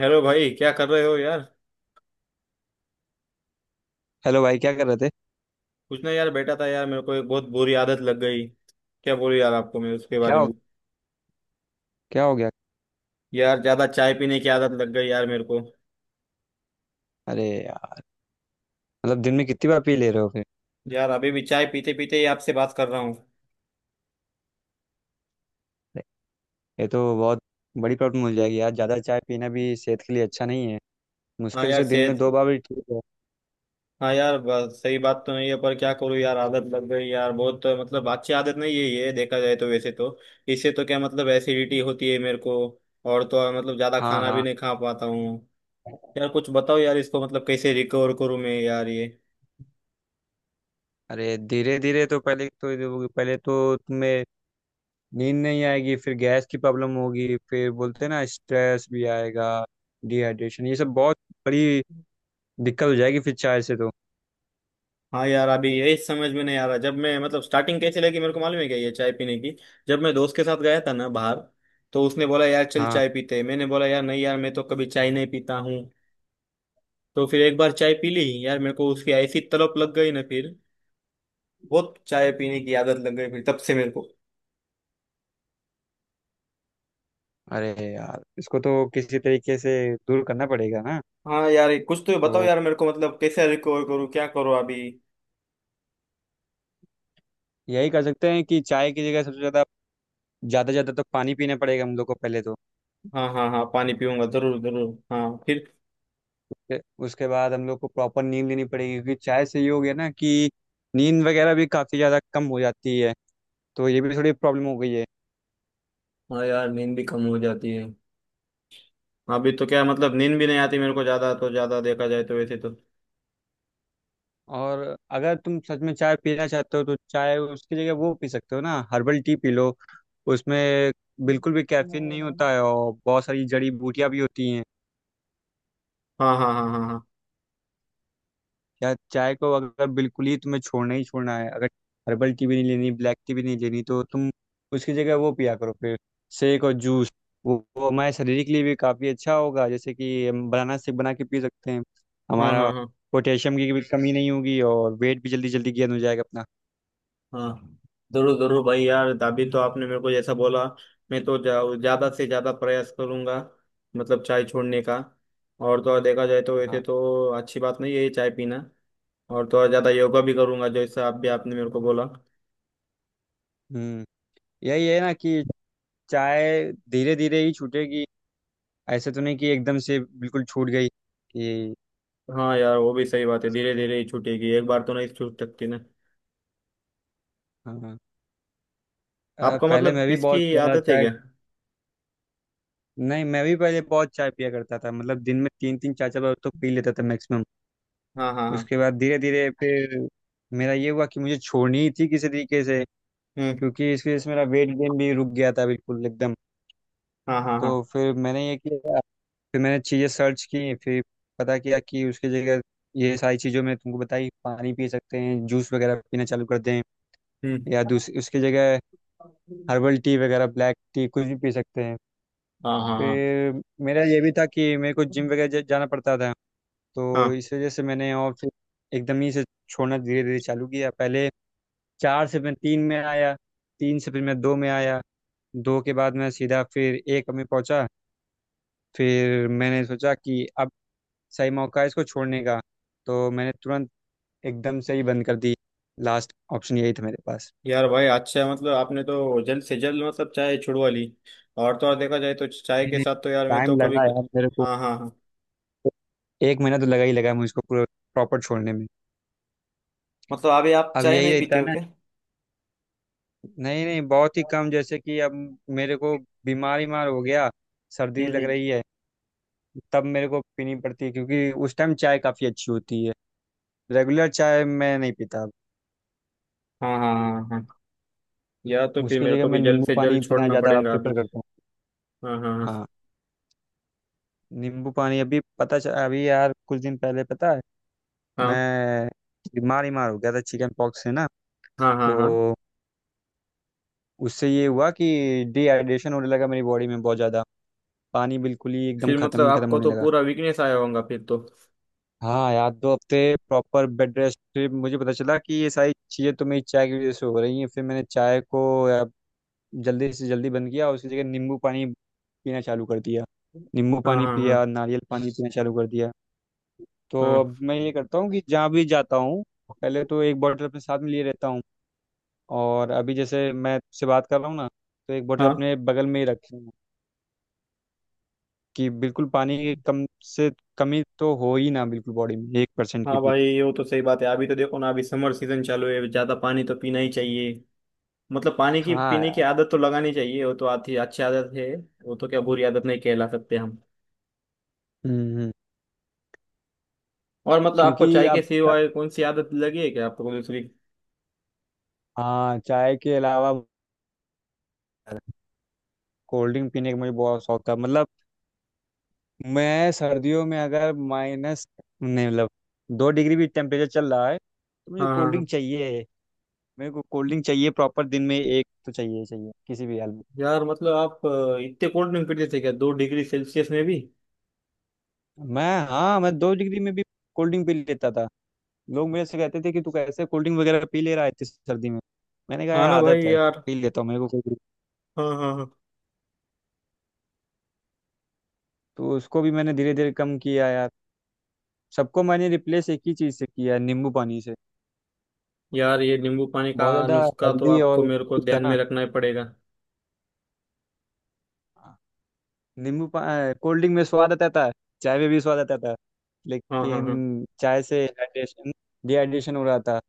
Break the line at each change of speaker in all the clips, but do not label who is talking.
Hello भाई, क्या कर रहे हो यार।
हेलो भाई क्या कर रहे थे।
कुछ ना यार, बैठा था यार। मेरे को एक बहुत बुरी आदत लग गई, क्या बोलूं यार आपको मैं उसके
क्या
बारे
हो
में।
क्या हो गया।
यार, ज्यादा चाय पीने की आदत लग गई यार मेरे को।
अरे यार, मतलब दिन में कितनी बार पी ले रहे हो फिर।
यार, अभी भी चाय पीते पीते ही आपसे बात कर रहा हूँ।
ये तो बहुत बड़ी प्रॉब्लम हो जाएगी यार, ज़्यादा चाय पीना भी सेहत के लिए अच्छा नहीं है।
हाँ
मुश्किल
यार,
से दिन में
सेहत।
2 बार भी ठीक है।
हाँ यार, सही बात तो नहीं है, पर क्या करूँ यार, आदत लग गई यार बहुत। मतलब अच्छी आदत नहीं है ये, देखा जाए तो वैसे तो। इससे तो क्या मतलब एसिडिटी होती है मेरे को। और तो और मतलब ज्यादा
हाँ
खाना भी
हाँ।
नहीं खा पाता हूँ। यार कुछ बताओ यार, इसको मतलब कैसे रिकवर करूँ मैं यार ये।
अरे धीरे धीरे तो पहले तो तुम्हें नींद नहीं आएगी, फिर गैस की प्रॉब्लम होगी, फिर बोलते हैं ना स्ट्रेस भी आएगा, डिहाइड्रेशन, ये सब बहुत बड़ी दिक्कत हो जाएगी फिर चाय से तो।
हाँ यार, अभी यही समझ में नहीं आ रहा। जब मैं मतलब स्टार्टिंग कैसी लगी मेरे को मालूम है क्या, ये चाय पीने की। जब मैं दोस्त के साथ गया था ना बाहर, तो उसने बोला यार चल
हाँ।
चाय पीते हैं। मैंने बोला यार नहीं यार, मैं तो कभी चाय नहीं पीता हूँ। तो फिर एक बार चाय पी ली यार, मेरे को उसकी ऐसी तलब लग गई ना फिर। बहुत चाय पीने की आदत लग गई फिर तब से मेरे को।
अरे यार इसको तो किसी तरीके से दूर करना पड़ेगा ना।
हाँ यार, ये कुछ तो बताओ
तो
यार मेरे को, मतलब कैसे रिकवर करूँ क्या करो अभी।
यही कर सकते हैं कि चाय की जगह सबसे ज़्यादा ज़्यादा ज़्यादा तो पानी पीना पड़ेगा हम लोग को पहले तो।
हाँ, हाँ, हाँ, पानी पीऊंगा। जरूर जरूर हाँ, फिर।
फिर उसके बाद हम लोग को प्रॉपर नींद लेनी पड़ेगी क्योंकि चाय से ये हो गया ना कि नींद वगैरह भी काफ़ी ज़्यादा कम हो जाती है, तो ये भी थोड़ी प्रॉब्लम हो गई है।
हाँ यार, नींद भी कम हो जाती है। अभी तो क्या मतलब नींद भी नहीं आती मेरे को ज्यादा तो ज्यादा, देखा जाए तो वैसे तो।
और अगर तुम सच में चाय पीना चाहते हो तो चाय उसकी जगह वो पी सकते हो ना, हर्बल टी पी लो। उसमें बिल्कुल भी कैफीन नहीं होता
हाँ,
है और बहुत सारी जड़ी बूटियां भी होती हैं।
हाँ, हाँ, हाँ,
यार चाय को अगर बिल्कुल ही तुम्हें छोड़ना ही छोड़ना है, अगर हर्बल टी भी नहीं लेनी, ब्लैक टी भी नहीं लेनी, तो तुम उसकी जगह वो पिया करो फिर, शेक और जूस। वो हमारे शरीर के लिए भी काफ़ी अच्छा होगा, जैसे कि हम बनाना शेक बना के पी सकते हैं।
हाँ,
हमारा
हाँ, हाँ,
पोटेशियम की भी कमी नहीं होगी और वेट भी जल्दी जल्दी गेन हो जाएगा अपना।
हाँ, हाँ। जरूर जरूर भाई यार, अभी तो आपने मेरे को जैसा बोला, मैं तो ज्यादा से ज्यादा प्रयास करूंगा, मतलब चाय छोड़ने का। और तो और देखा जाए तो वैसे
हाँ।
तो अच्छी बात नहीं है ये चाय पीना। और तो और ज्यादा योगा भी करूंगा, जैसा आप भी आपने मेरे को बोला।
हम्म। यही है ना कि चाय धीरे धीरे ही छूटेगी, ऐसे तो नहीं कि एकदम से बिल्कुल छूट गई कि।
हाँ यार, वो भी सही बात है। धीरे धीरे ही छूटेगी, एक बार तो नहीं छूट सकती ना।
हाँ।
आपको
पहले
मतलब
मैं भी
इसकी
बहुत ज़्यादा
आदत है
चाय,
क्या।
नहीं, मैं भी पहले बहुत चाय पिया करता था, मतलब दिन में तीन तीन चार चार बार तो पी लेता था मैक्सिमम।
हाँ, हाँ, हाँ।
उसके बाद धीरे धीरे फिर मेरा ये हुआ कि मुझे छोड़नी ही थी किसी तरीके से,
हम्म।
क्योंकि इस वजह से मेरा वेट गेन भी रुक गया था बिल्कुल एकदम।
हाँ, हाँ, हाँ।
तो फिर मैंने ये किया, फिर मैंने चीज़ें सर्च की, फिर पता किया कि उसकी जगह ये सारी चीज़ों में तुमको बताई, पानी पी सकते हैं, जूस वगैरह पीना चालू कर दें,
हम्म।
या दूसरी उसकी जगह हर्बल टी वगैरह, ब्लैक टी कुछ भी पी सकते हैं।
हाँ, हाँ, हाँ,
फिर मेरा ये भी था कि मेरे को जिम वगैरह जाना पड़ता था। तो
हाँ।
इस वजह से मैंने, और फिर एकदम ही से छोड़ना धीरे धीरे चालू किया। पहले चार से मैं तीन में आया, तीन से फिर मैं दो में आया, दो के बाद मैं सीधा फिर एक में पहुंचा। फिर मैंने सोचा कि अब सही मौका है इसको छोड़ने का, तो मैंने तुरंत एकदम से ही बंद कर दी। लास्ट ऑप्शन यही था मेरे पास।
यार भाई अच्छा है, मतलब आपने तो जल्द से जल्द मतलब चाय छुड़वा ली। और तो और देखा जाए तो चाय के
मैंने
साथ तो यार मैं तो
टाइम
कभी।
लगा यार मेरे को,
हाँ, हाँ, हाँ।
एक महीना तो लगा ही लगा मुझको पूरा, प्रॉपर छोड़ने में।
मतलब अभी आप
अब
चाय
यही
नहीं
रहता
पीते
है
हो
ना,
क्या।
नहीं नहीं बहुत ही कम, जैसे कि अब मेरे को बीमार बीमार हो गया,
हम्म,
सर्दी लग
हम्म।
रही है, तब मेरे को पीनी पड़ती है क्योंकि उस टाइम चाय काफ़ी अच्छी होती है। रेगुलर चाय मैं नहीं पीता अब।
हाँ, हाँ, हाँ, हाँ। यार तो फिर
उसकी
मेरे
जगह
को
मैं
भी जल्द
नींबू
से
पानी
जल्द
पीना
छोड़ना
ज़्यादा
पड़ेगा अभी।
प्रेफर करता हूँ।
हाँ, हाँ।
हाँ। नींबू पानी अभी पता चल अभी यार कुछ दिन पहले पता है,
हाँ,
मैं बीमार बीमार हो गया था चिकन पॉक्स से ना।
हाँ, हाँ,
तो
हाँ। हाँ,
उससे ये हुआ कि डिहाइड्रेशन होने लगा मेरी बॉडी में बहुत ज़्यादा, पानी बिल्कुल ही एकदम
फिर
ख़त्म
मतलब
ही ख़त्म
आपको
होने
तो
लगा।
पूरा वीकनेस आया होगा फिर तो।
हाँ यार 2 हफ्ते प्रॉपर बेड रेस्ट पे मुझे पता चला कि ये सारी चीज़ें तो मेरी चाय की वजह से हो रही हैं। फिर मैंने चाय को जल्दी से जल्दी बंद किया और उसकी जगह नींबू पानी पीना चालू कर दिया। नींबू
हाँ
पानी
हाँ, हाँ,
पिया, नारियल पानी पीना चालू कर दिया। तो
हाँ।
अब मैं ये करता हूँ कि जहाँ भी जाता हूँ, पहले तो एक बॉटल अपने साथ में लिए रहता हूँ। और अभी जैसे मैं से बात कर रहा हूँ ना, तो एक बॉटल
हाँ।
अपने बगल में ही रखी हूँ, कि बिल्कुल पानी की कम से कमी तो हो ही ना बिल्कुल बॉडी में, 1% की
हाँ
भी।
भाई, ये तो सही बात है। अभी तो देखो ना, अभी समर सीजन चालू है, ज़्यादा पानी तो पीना ही चाहिए। मतलब पानी की
हाँ
पीने की
यार।
आदत तो लगानी चाहिए, वो तो आती अच्छी आदत है। वो तो क्या बुरी आदत नहीं कहला सकते हम।
हम्म हम्म।
और मतलब आपको
क्योंकि
चाय
अब
के
तक,
सिवाय कौन सी आदत लगी है क्या, आपको कोई दूसरी।
हाँ, चाय के अलावा कोल्ड ड्रिंक पीने का मुझे बहुत शौक था, मतलब मैं सर्दियों में अगर माइनस, नहीं मतलब 2 डिग्री भी टेम्परेचर चल रहा है तो मुझे
हाँ, हाँ,
कोल्ड
हाँ।
ड्रिंक चाहिए। मेरे को कोल्ड ड्रिंक चाहिए प्रॉपर, दिन में एक तो चाहिए ही चाहिए किसी भी हाल में।
यार मतलब आप इतने कोल्ड ड्रिंक पीते थे क्या, 2 डिग्री सेल्सियस में भी।
मैं, हाँ, मैं 2 डिग्री में भी कोल्ड ड्रिंक पी लेता था। लोग मेरे से कहते थे कि तू कैसे कोल्ड ड्रिंक वगैरह पी ले रहा है इतनी सर्दी में। मैंने कहा
हाँ
यार
ना भाई
आदत है,
यार।
पी लेता हूँ, मेरे को कोई दिक्कत-"
हाँ, हाँ, हाँ।
तो उसको भी मैंने धीरे धीरे कम किया यार, सबको मैंने रिप्लेस एक ही चीज़ से किया, नींबू पानी से।
यार ये नींबू पानी का
बहुत ज्यादा
नुस्खा तो
हेल्दी
आपको
और
मेरे को
ठीक है
ध्यान
ना।
में रखना ही पड़ेगा।
हाँ, नींबू कोल्ड ड्रिंक में स्वाद आता है, चाय में भी स्वाद आता है,
हाँ, हाँ, हाँ।
लेकिन चाय से हाइड्रेशन डिहाइड्रेशन हो रहा था।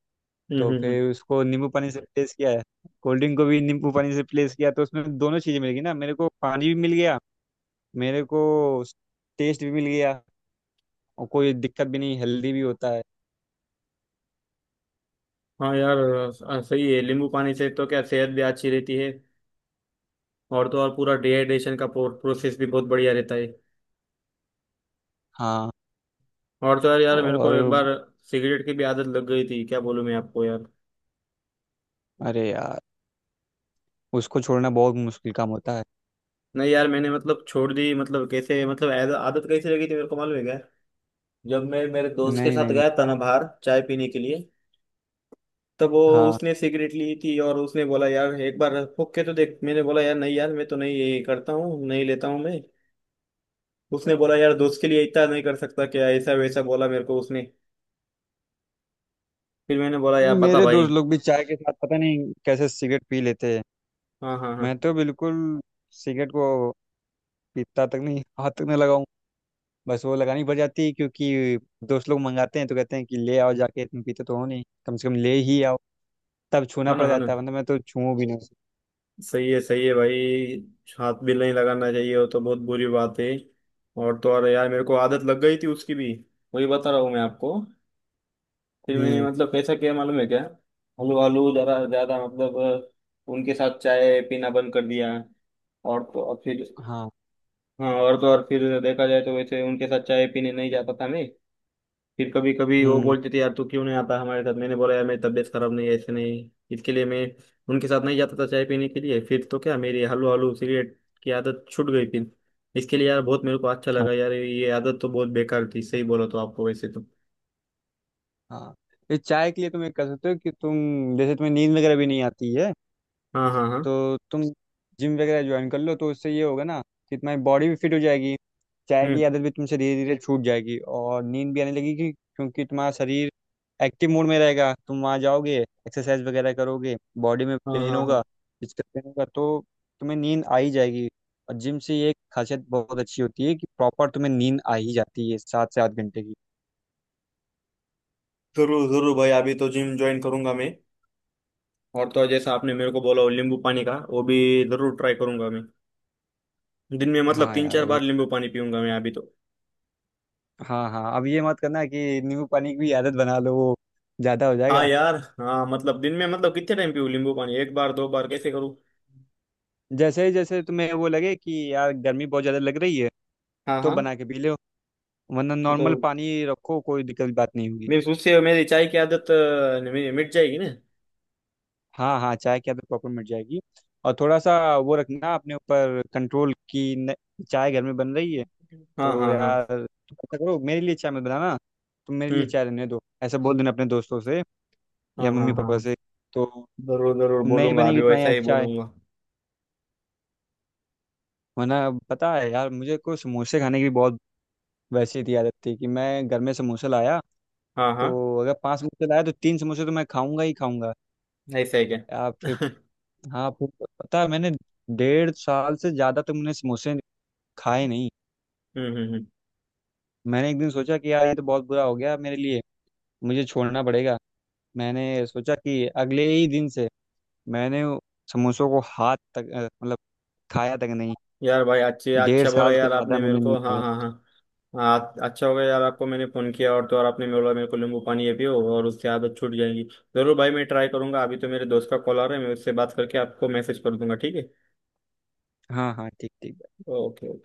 हम्म,
तो
हम्म,
फिर उसको नींबू पानी से रिप्लेस किया है, कोल्ड ड्रिंक को भी नींबू पानी से रिप्लेस किया, तो उसमें दोनों चीज़ें मिल गई ना, मेरे को पानी भी मिल गया, मेरे को टेस्ट भी मिल गया, और कोई दिक्कत भी नहीं, हेल्दी भी होता है।
हाँ यार, सही है। नींबू पानी से तो क्या सेहत भी अच्छी रहती है। और तो और पूरा डिहाइड्रेशन का प्रोसेस भी बहुत बढ़िया रहता है।
हाँ।
और तो यार, यार मेरे को
और।
एक बार सिगरेट की भी आदत लग गई थी, क्या बोलूं मैं आपको यार।
अरे यार उसको छोड़ना बहुत मुश्किल काम होता है।
नहीं यार, मैंने मतलब छोड़ दी। मतलब कैसे, मतलब आदत कैसे लगी थी मेरे को मालूम है क्या। जब मैं मेरे दोस्त के
नहीं
साथ
नहीं।
गया था ना बाहर चाय पीने के लिए, तब वो,
हाँ।
उसने सिगरेट ली थी और उसने बोला यार एक बार फूक के तो देख। मैंने बोला यार नहीं यार, मैं तो नहीं ये करता हूँ, नहीं लेता हूँ मैं। उसने बोला यार, दोस्त के लिए इतना नहीं कर सकता क्या, ऐसा वैसा बोला मेरे को उसने। फिर मैंने बोला यार, बता
मेरे
भाई।
दोस्त लोग भी चाय के साथ पता नहीं कैसे सिगरेट पी लेते हैं।
हाँ, हाँ, हाँ।
मैं तो बिल्कुल सिगरेट को पीता तक नहीं, हाथ तक नहीं लगाऊं। बस वो लगानी पड़ जाती है क्योंकि दोस्त लोग मंगाते हैं, तो कहते हैं कि ले आओ जाके, तुम पीते तो हो नहीं, कम से कम ले ही आओ, तब छूना
हाँ ना,
पड़
हाँ ना।
जाता है, वरना मैं तो छू भी नहीं सकता।
सही है, सही है भाई। हाथ भी नहीं लगाना चाहिए, वो तो बहुत बुरी बात है। और तो और यार, मेरे को आदत लग गई थी उसकी भी। वही बता रहा हूँ मैं आपको। फिर मैंने
हम्म।
मतलब कैसा किया मालूम है क्या। हलू हलू ज़रा ज़्यादा मतलब उनके साथ चाय पीना बंद कर दिया। और तो और फिर।
हाँ।
हाँ, और तो और फिर देखा जाए तो वैसे उनके साथ चाय पीने नहीं जाता था मैं। फिर कभी कभी वो
हम्म।
बोलते थे यार तू क्यों नहीं आता हमारे साथ। मैंने बोला यार मेरी तबीयत खराब नहीं है, ऐसे नहीं इसके लिए मैं उनके साथ नहीं जाता था चाय पीने के लिए। फिर तो क्या मेरी हलू हलू सिगरेट की आदत छूट गई फिर। इसके लिए यार बहुत मेरे को अच्छा
हाँ
लगा। यार ये आदत तो बहुत बेकार थी, सही बोला तो आपको वैसे तो।
हाँ। ये चाय के लिए तुम एक कर सकते हो कि तुम, जैसे तुम्हें नींद वगैरह भी नहीं आती है,
हाँ, हाँ, हाँ।
तो तुम जिम वगैरह ज्वाइन कर लो, तो उससे ये होगा ना कि तुम्हारी बॉडी भी फिट हो जाएगी, चाय
हम्म।
की आदत भी तुमसे धीरे धीरे छूट जाएगी, और नींद भी आने लगेगी क्योंकि तुम्हारा शरीर एक्टिव मोड में रहेगा, तुम वहाँ जाओगे एक्सरसाइज वगैरह करोगे, बॉडी में
हाँ,
पेन
हाँ, हाँ।
होगा, फिजिकल पेन होगा, तो तुम्हें नींद आ ही जाएगी। और जिम से ये एक खासियत बहुत अच्छी होती है कि प्रॉपर तुम्हें नींद आ ही जाती है, 7 से 8 घंटे की।
जरूर जरूर भाई, अभी तो जिम ज्वाइन करूंगा मैं। और तो जैसा आपने मेरे को बोला वो नींबू पानी का, वो भी जरूर ट्राई करूंगा मैं। दिन में मतलब
हाँ
तीन
यार
चार
वो,
बार नींबू पानी पीऊंगा मैं अभी तो।
हाँ हाँ, अब ये मत करना कि नींबू पानी की भी आदत बना लो, वो ज़्यादा हो
हाँ
जाएगा।
यार, हाँ, मतलब दिन में मतलब कितने टाइम पीऊँ नींबू पानी, एक बार दो बार कैसे करूँ।
जैसे ही जैसे तुम्हें वो लगे कि यार गर्मी बहुत ज़्यादा लग रही है,
हाँ,
तो
हाँ।
बना के पी लो, वरना नॉर्मल
मतलब
पानी रखो, कोई दिक्कत की बात नहीं होगी।
मेरी उससे मेरी चाय की आदत मेरी मिट जाएगी ना।
हाँ हाँ, चाय की आदत प्रॉपर मिट जाएगी। और थोड़ा सा वो रखना अपने ऊपर कंट्रोल की न, चाय घर में बन रही है,
हाँ,
तो
हाँ, हाँ।
यार तुम ऐसा करो, मेरे लिए चाय मत बनाना, तुम मेरे लिए
हम्म।
चाय रहने दो, ऐसा बोल देना अपने दोस्तों से
हाँ,
या मम्मी
हाँ, हाँ,
पापा
हाँ।
से, तो
जरूर जरूर
नहीं
बोलूंगा,
बनेगी
अभी
तुम्हारे
वैसा
यहाँ
ही
चाय।
बोलूंगा।
वरना पता है यार, मुझे को समोसे खाने की बहुत वैसी थी आदत, थी कि मैं घर में समोसा लाया
हाँ, हाँ।
तो अगर पांच समोसे लाए तो तीन समोसे तो मैं खाऊंगा ही खाऊंगा।
ऐसा ही क्या?
आप फिर,
हम्म,
हाँ फिर, पता है मैंने 1.5 साल से ज़्यादा तो मैंने समोसे खाए नहीं।
हम्म, हम्म।
मैंने एक दिन सोचा कि यार ये तो बहुत बुरा हो गया मेरे लिए, मुझे छोड़ना पड़ेगा। मैंने सोचा कि अगले ही दिन से, मैंने समोसों को हाथ तक मतलब खाया तक नहीं।
यार भाई अच्छे,
डेढ़
अच्छा बोला
साल से
यार
ज़्यादा
आपने मेरे
मैंने
को।
नहीं
हाँ,
खाया।
हाँ, हाँ। हाँ, अच्छा हो गया यार, आपको मैंने फ़ोन किया और तो और आपने बोला मेरे को नींबू पानी ये पियो और उससे आदत छूट जाएगी। ज़रूर भाई, मैं ट्राई करूंगा। अभी तो मेरे दोस्त का कॉल आ रहा है, मैं उससे बात करके आपको मैसेज कर दूंगा। ठीक है?
हाँ हाँ, ठीक ठीक।
ओके।